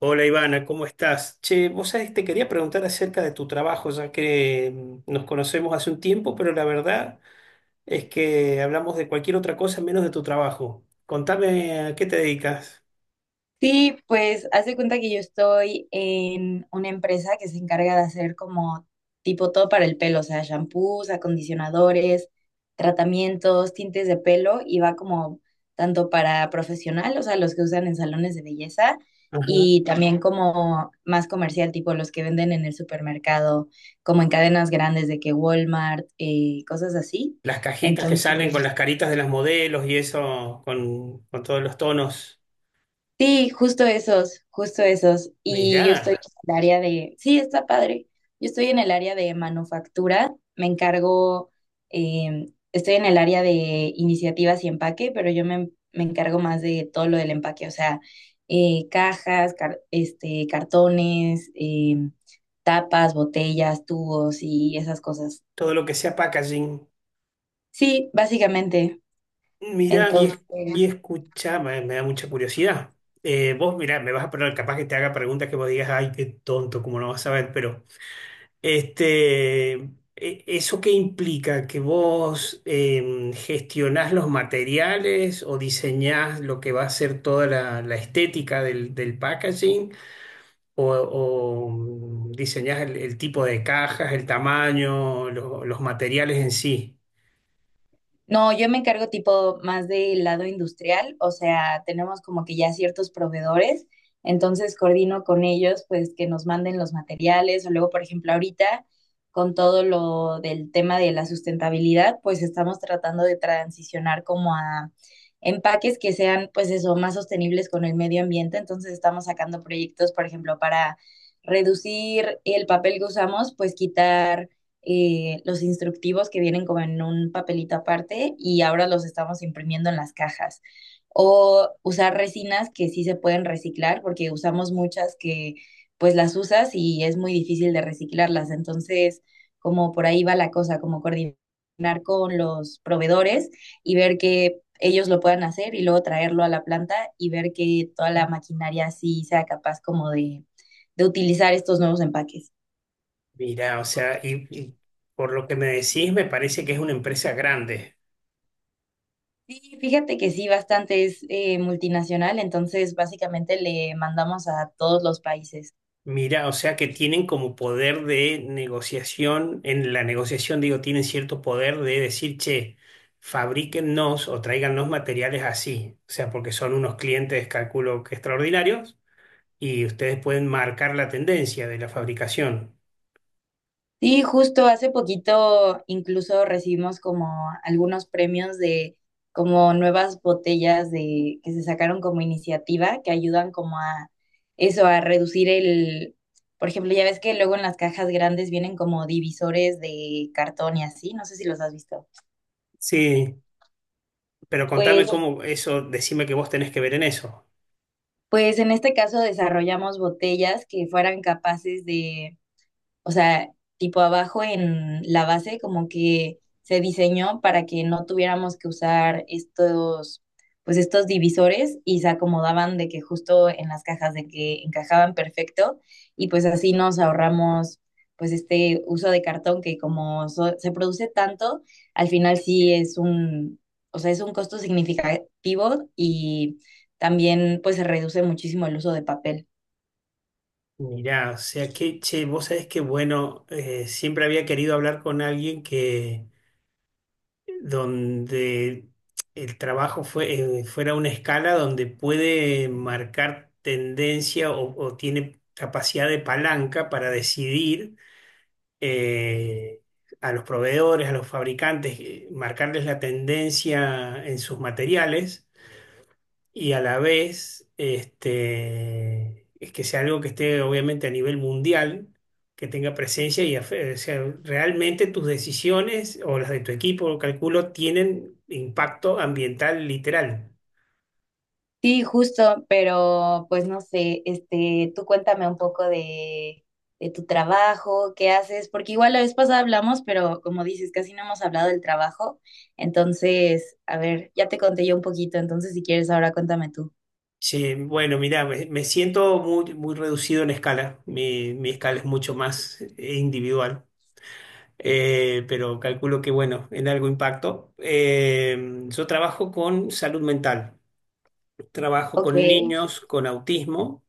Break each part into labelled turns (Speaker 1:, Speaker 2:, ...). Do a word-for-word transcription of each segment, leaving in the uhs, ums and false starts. Speaker 1: Hola Ivana, ¿cómo estás? Che, vos sabés, te quería preguntar acerca de tu trabajo, ya que mm, nos conocemos hace un tiempo, pero la verdad es que hablamos de cualquier otra cosa menos de tu trabajo. Contame a qué te dedicas.
Speaker 2: Sí, pues hace cuenta que yo estoy en una empresa que se encarga de hacer como tipo todo para el pelo, o sea, shampoos, acondicionadores, tratamientos, tintes de pelo y va como tanto para profesional, o sea, los que usan en salones de belleza
Speaker 1: Ajá.
Speaker 2: y también como más comercial, tipo los que venden en el supermercado, como en cadenas grandes de que Walmart, eh, cosas así.
Speaker 1: Las cajitas que salen con
Speaker 2: Entonces,
Speaker 1: las caritas de las modelos y eso, con, con todos los tonos.
Speaker 2: sí, justo esos, justo esos. Y yo estoy
Speaker 1: Mirá,
Speaker 2: en el área de, sí, está padre. Yo estoy en el área de manufactura, me encargo, eh, estoy en el área de iniciativas y empaque, pero yo me, me encargo más de todo lo del empaque, o sea, eh, cajas, car- este, cartones, eh, tapas, botellas, tubos y esas cosas.
Speaker 1: todo lo que sea packaging.
Speaker 2: Sí, básicamente.
Speaker 1: Mirá, y,
Speaker 2: Entonces,
Speaker 1: es- y escuchá, me, me da mucha curiosidad. Eh, vos, mirá, me vas a poner, capaz que te haga preguntas que vos digas, ay, qué tonto, cómo no vas a ver, pero... Este, e- ¿Eso qué implica? ¿Que vos em, gestionás los materiales o diseñás lo que va a ser toda la, la estética del, del packaging? ¿O, o, mm, Diseñás el, el tipo de cajas, el tamaño, lo- los materiales en sí?
Speaker 2: no, yo me encargo tipo más del lado industrial, o sea, tenemos como que ya ciertos proveedores, entonces coordino con ellos pues que nos manden los materiales o luego, por ejemplo, ahorita con todo lo del tema de la sustentabilidad, pues estamos tratando de transicionar como a empaques que sean pues eso, más sostenibles con el medio ambiente, entonces estamos sacando proyectos, por ejemplo, para reducir el papel que usamos, pues quitar eh, los instructivos que vienen como en un papelito aparte y ahora los estamos imprimiendo en las cajas. O usar resinas que sí se pueden reciclar porque usamos muchas que pues las usas y es muy difícil de reciclarlas. Entonces, como por ahí va la cosa, como coordinar con los proveedores y ver que ellos lo puedan hacer y luego traerlo a la planta y ver que toda la maquinaria sí sea capaz como de, de utilizar estos nuevos empaques.
Speaker 1: Mira, o sea, y, y por lo que me decís, me parece que es una empresa grande.
Speaker 2: Sí, fíjate que sí, bastante es eh, multinacional, entonces básicamente le mandamos a todos los países.
Speaker 1: Mira, o sea que tienen como poder de negociación, en la negociación digo, tienen cierto poder de decir, che, fabríquennos o tráigannos materiales así, o sea, porque son unos clientes, calculo que extraordinarios, y ustedes pueden marcar la tendencia de la fabricación.
Speaker 2: Sí, justo hace poquito incluso recibimos como algunos premios de como nuevas botellas de que se sacaron como iniciativa que ayudan como a eso, a reducir el, por ejemplo, ya ves que luego en las cajas grandes vienen como divisores de cartón y así, no sé si los has visto.
Speaker 1: Sí, pero contame
Speaker 2: Pues,
Speaker 1: cómo eso, decime que vos tenés que ver en eso.
Speaker 2: pues en este caso desarrollamos botellas que fueran capaces de, o sea, tipo abajo en la base como que se diseñó para que no tuviéramos que usar estos, pues estos divisores y se acomodaban de que justo en las cajas de que encajaban perfecto y pues así nos ahorramos pues este uso de cartón que como so- se produce tanto, al final sí es un, o sea, es un costo significativo y también pues se reduce muchísimo el uso de papel.
Speaker 1: Mirá, o sea que, che, vos sabés que, bueno, eh, siempre había querido hablar con alguien que donde el trabajo fue, eh, fuera una escala donde puede marcar tendencia o, o tiene capacidad de palanca para decidir eh, a los proveedores, a los fabricantes, eh, marcarles la tendencia en sus materiales y a la vez este, es que sea algo que esté obviamente a nivel mundial, que tenga presencia y afe- o sea, realmente tus decisiones o las de tu equipo, calculo, tienen impacto ambiental literal.
Speaker 2: Sí, justo, pero pues no sé, este, tú cuéntame un poco de, de tu trabajo, qué haces, porque igual la vez pasada hablamos, pero como dices, casi no hemos hablado del trabajo. Entonces, a ver, ya te conté yo un poquito, entonces si quieres ahora cuéntame tú.
Speaker 1: Sí, bueno, mira, me, me siento muy, muy reducido en escala, mi, mi escala es mucho más eh, individual. Eh, pero calculo que, bueno, en algo impacto. Eh, yo trabajo con salud mental, trabajo
Speaker 2: Ok.
Speaker 1: con niños con autismo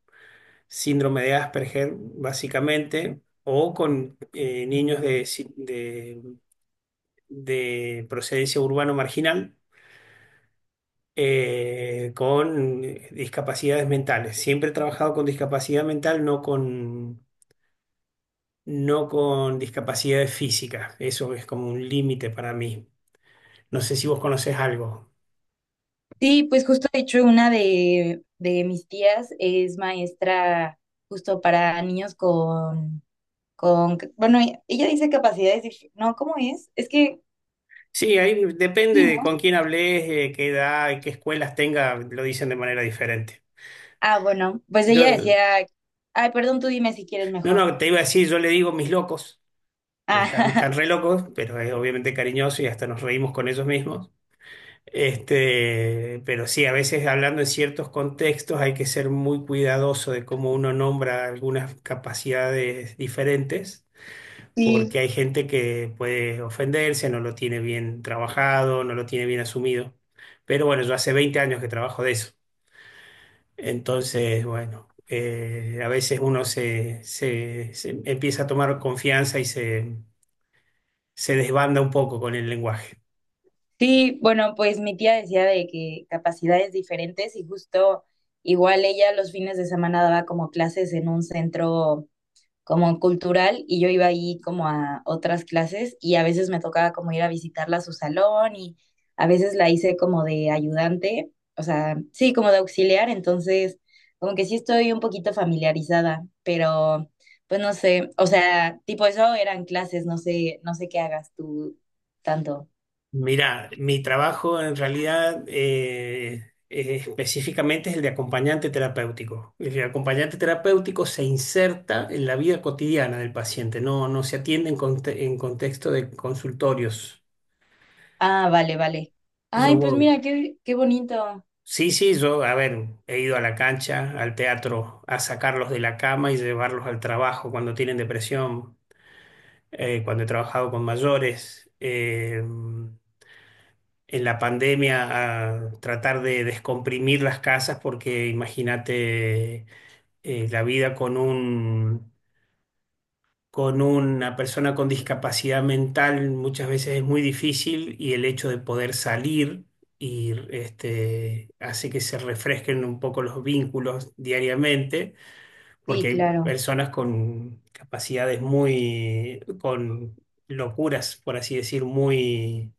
Speaker 1: síndrome de Asperger, básicamente, o con eh, niños de, si- de- de procedencia urbano marginal eh, con discapacidades mentales. Siempre he trabajado con discapacidad mental, no con, no con discapacidades físicas. Eso es como un límite para mí. No sé si vos conocés algo.
Speaker 2: Sí, pues justo de hecho una de, de mis tías es maestra justo para niños con, con, bueno, ella dice capacidades, dif- no, ¿cómo es? Es que,
Speaker 1: Sí, ahí depende
Speaker 2: sí, ¿no?
Speaker 1: de con quién hables, eh, qué edad, y qué escuelas tenga, lo dicen de manera diferente.
Speaker 2: Ah, bueno, pues ella
Speaker 1: Yo,
Speaker 2: decía, ay, perdón, tú dime si quieres
Speaker 1: no,
Speaker 2: mejor.
Speaker 1: no, te iba a decir, yo le digo mis locos, porque están, están
Speaker 2: Ah,
Speaker 1: re locos, pero es obviamente cariñoso y hasta nos reímos con ellos mismos. Este, pero sí, a veces hablando en ciertos contextos hay que ser muy cuidadoso de cómo uno nombra algunas capacidades diferentes, porque hay gente que puede ofenderse, no lo tiene bien trabajado, no lo tiene bien asumido. Pero bueno, yo hace veinte años que trabajo de eso. Entonces, bueno, eh, a veces uno se, se se empieza a tomar confianza y se se desbanda un poco con el lenguaje.
Speaker 2: sí, bueno, pues mi tía decía de que capacidades diferentes y justo igual ella los fines de semana daba como clases en un centro como cultural y yo iba ahí como a otras clases y a veces me tocaba como ir a visitarla a su salón y a veces la hice como de ayudante, o sea, sí, como de auxiliar, entonces como que sí estoy un poquito familiarizada, pero pues no sé, o sea, tipo eso eran clases, no sé, no sé qué hagas tú tanto.
Speaker 1: Mira, mi trabajo en realidad eh, eh, específicamente es el de acompañante terapéutico. El acompañante terapéutico se inserta en la vida cotidiana del paciente, no, no se atiende en, conte- en contexto de consultorios.
Speaker 2: Ah, vale, vale. Ay,
Speaker 1: Yo
Speaker 2: pues
Speaker 1: voy-
Speaker 2: mira, qué, qué bonito.
Speaker 1: Sí, sí, yo, a ver, he ido a la cancha, al teatro, a sacarlos de la cama y llevarlos al trabajo cuando tienen depresión, eh, cuando he trabajado con mayores. Eh, en la pandemia a tratar de descomprimir las casas porque imagínate eh, la vida con un, con una persona con discapacidad mental muchas veces es muy difícil y el hecho de poder salir y este, hace que se refresquen un poco los vínculos diariamente,
Speaker 2: Sí,
Speaker 1: porque hay
Speaker 2: claro.
Speaker 1: personas con capacidades muy, con locuras, por así decir, muy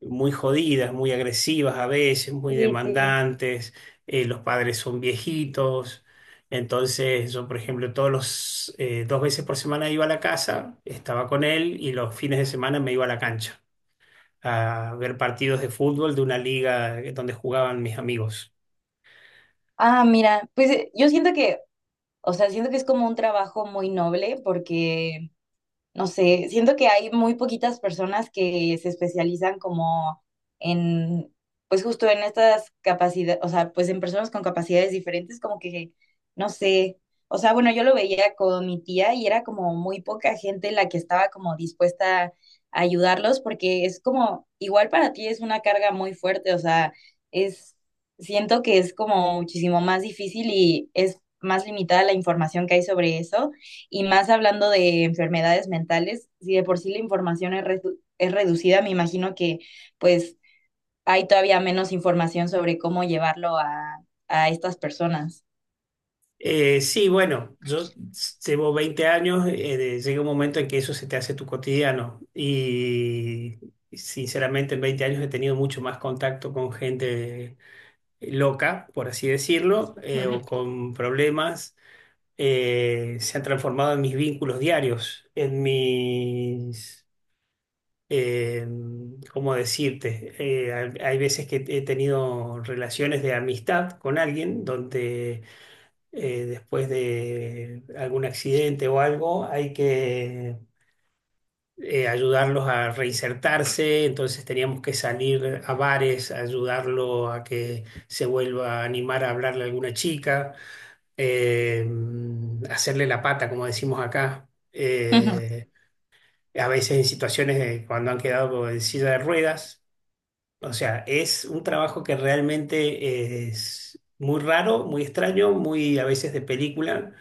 Speaker 1: muy jodidas, muy agresivas a veces, muy
Speaker 2: Sí, sí.
Speaker 1: demandantes, eh, los padres son viejitos. Entonces yo, por ejemplo, todos los eh, dos veces por semana iba a la casa, estaba con él y los fines de semana me iba a la cancha a ver partidos de fútbol de una liga donde jugaban mis amigos.
Speaker 2: Ah, mira, pues eh, yo siento que, o sea, siento que es como un trabajo muy noble porque no sé, siento que hay muy poquitas personas que se especializan como en, pues justo en estas capacidades, o sea, pues en personas con capacidades diferentes, como que, no sé, o sea, bueno, yo lo veía con mi tía y era como muy poca gente la que estaba como dispuesta a ayudarlos, porque es como, igual para ti es una carga muy fuerte, o sea, es, siento que es como muchísimo más difícil y es más limitada la información que hay sobre eso y más hablando de enfermedades mentales, si de por sí la información es, redu es reducida, me imagino que pues hay todavía menos información sobre cómo llevarlo a, a estas personas.
Speaker 1: Eh, sí, bueno, yo llevo veinte años, eh, de- llega un momento en que eso se te hace tu cotidiano y sinceramente en veinte años he tenido mucho más contacto con gente eh, loca, por así decirlo, eh, o con problemas, eh, se han transformado en mis vínculos diarios, en mis, eh, ¿cómo decirte? Eh, hay, hay veces que he tenido relaciones de amistad con alguien donde eh, después de algún accidente o algo hay que... eh, ayudarlos a reinsertarse, entonces teníamos que salir a bares, a ayudarlo a que se vuelva a animar a hablarle a alguna chica, eh, hacerle la pata, como decimos acá, eh, a veces en situaciones de cuando han quedado en silla de ruedas. O sea, es un trabajo que realmente es muy raro, muy extraño, muy a veces de película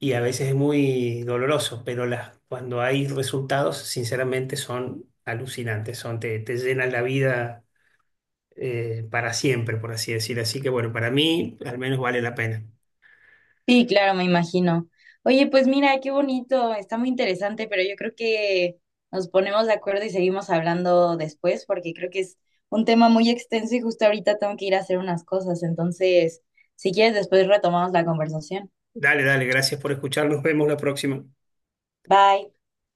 Speaker 1: y a veces es muy doloroso, pero las, cuando hay resultados, sinceramente son alucinantes, son, te, te llenan la vida eh, para siempre, por así decir. Así que bueno, para mí al menos vale la pena.
Speaker 2: Sí, claro, me imagino. Oye, pues mira, qué bonito, está muy interesante, pero yo creo que nos ponemos de acuerdo y seguimos hablando después, porque creo que es un tema muy extenso y justo ahorita tengo que ir a hacer unas cosas. Entonces, si quieres, después retomamos la conversación.
Speaker 1: Dale, dale, gracias por escuchar. Nos vemos la próxima.
Speaker 2: Bye.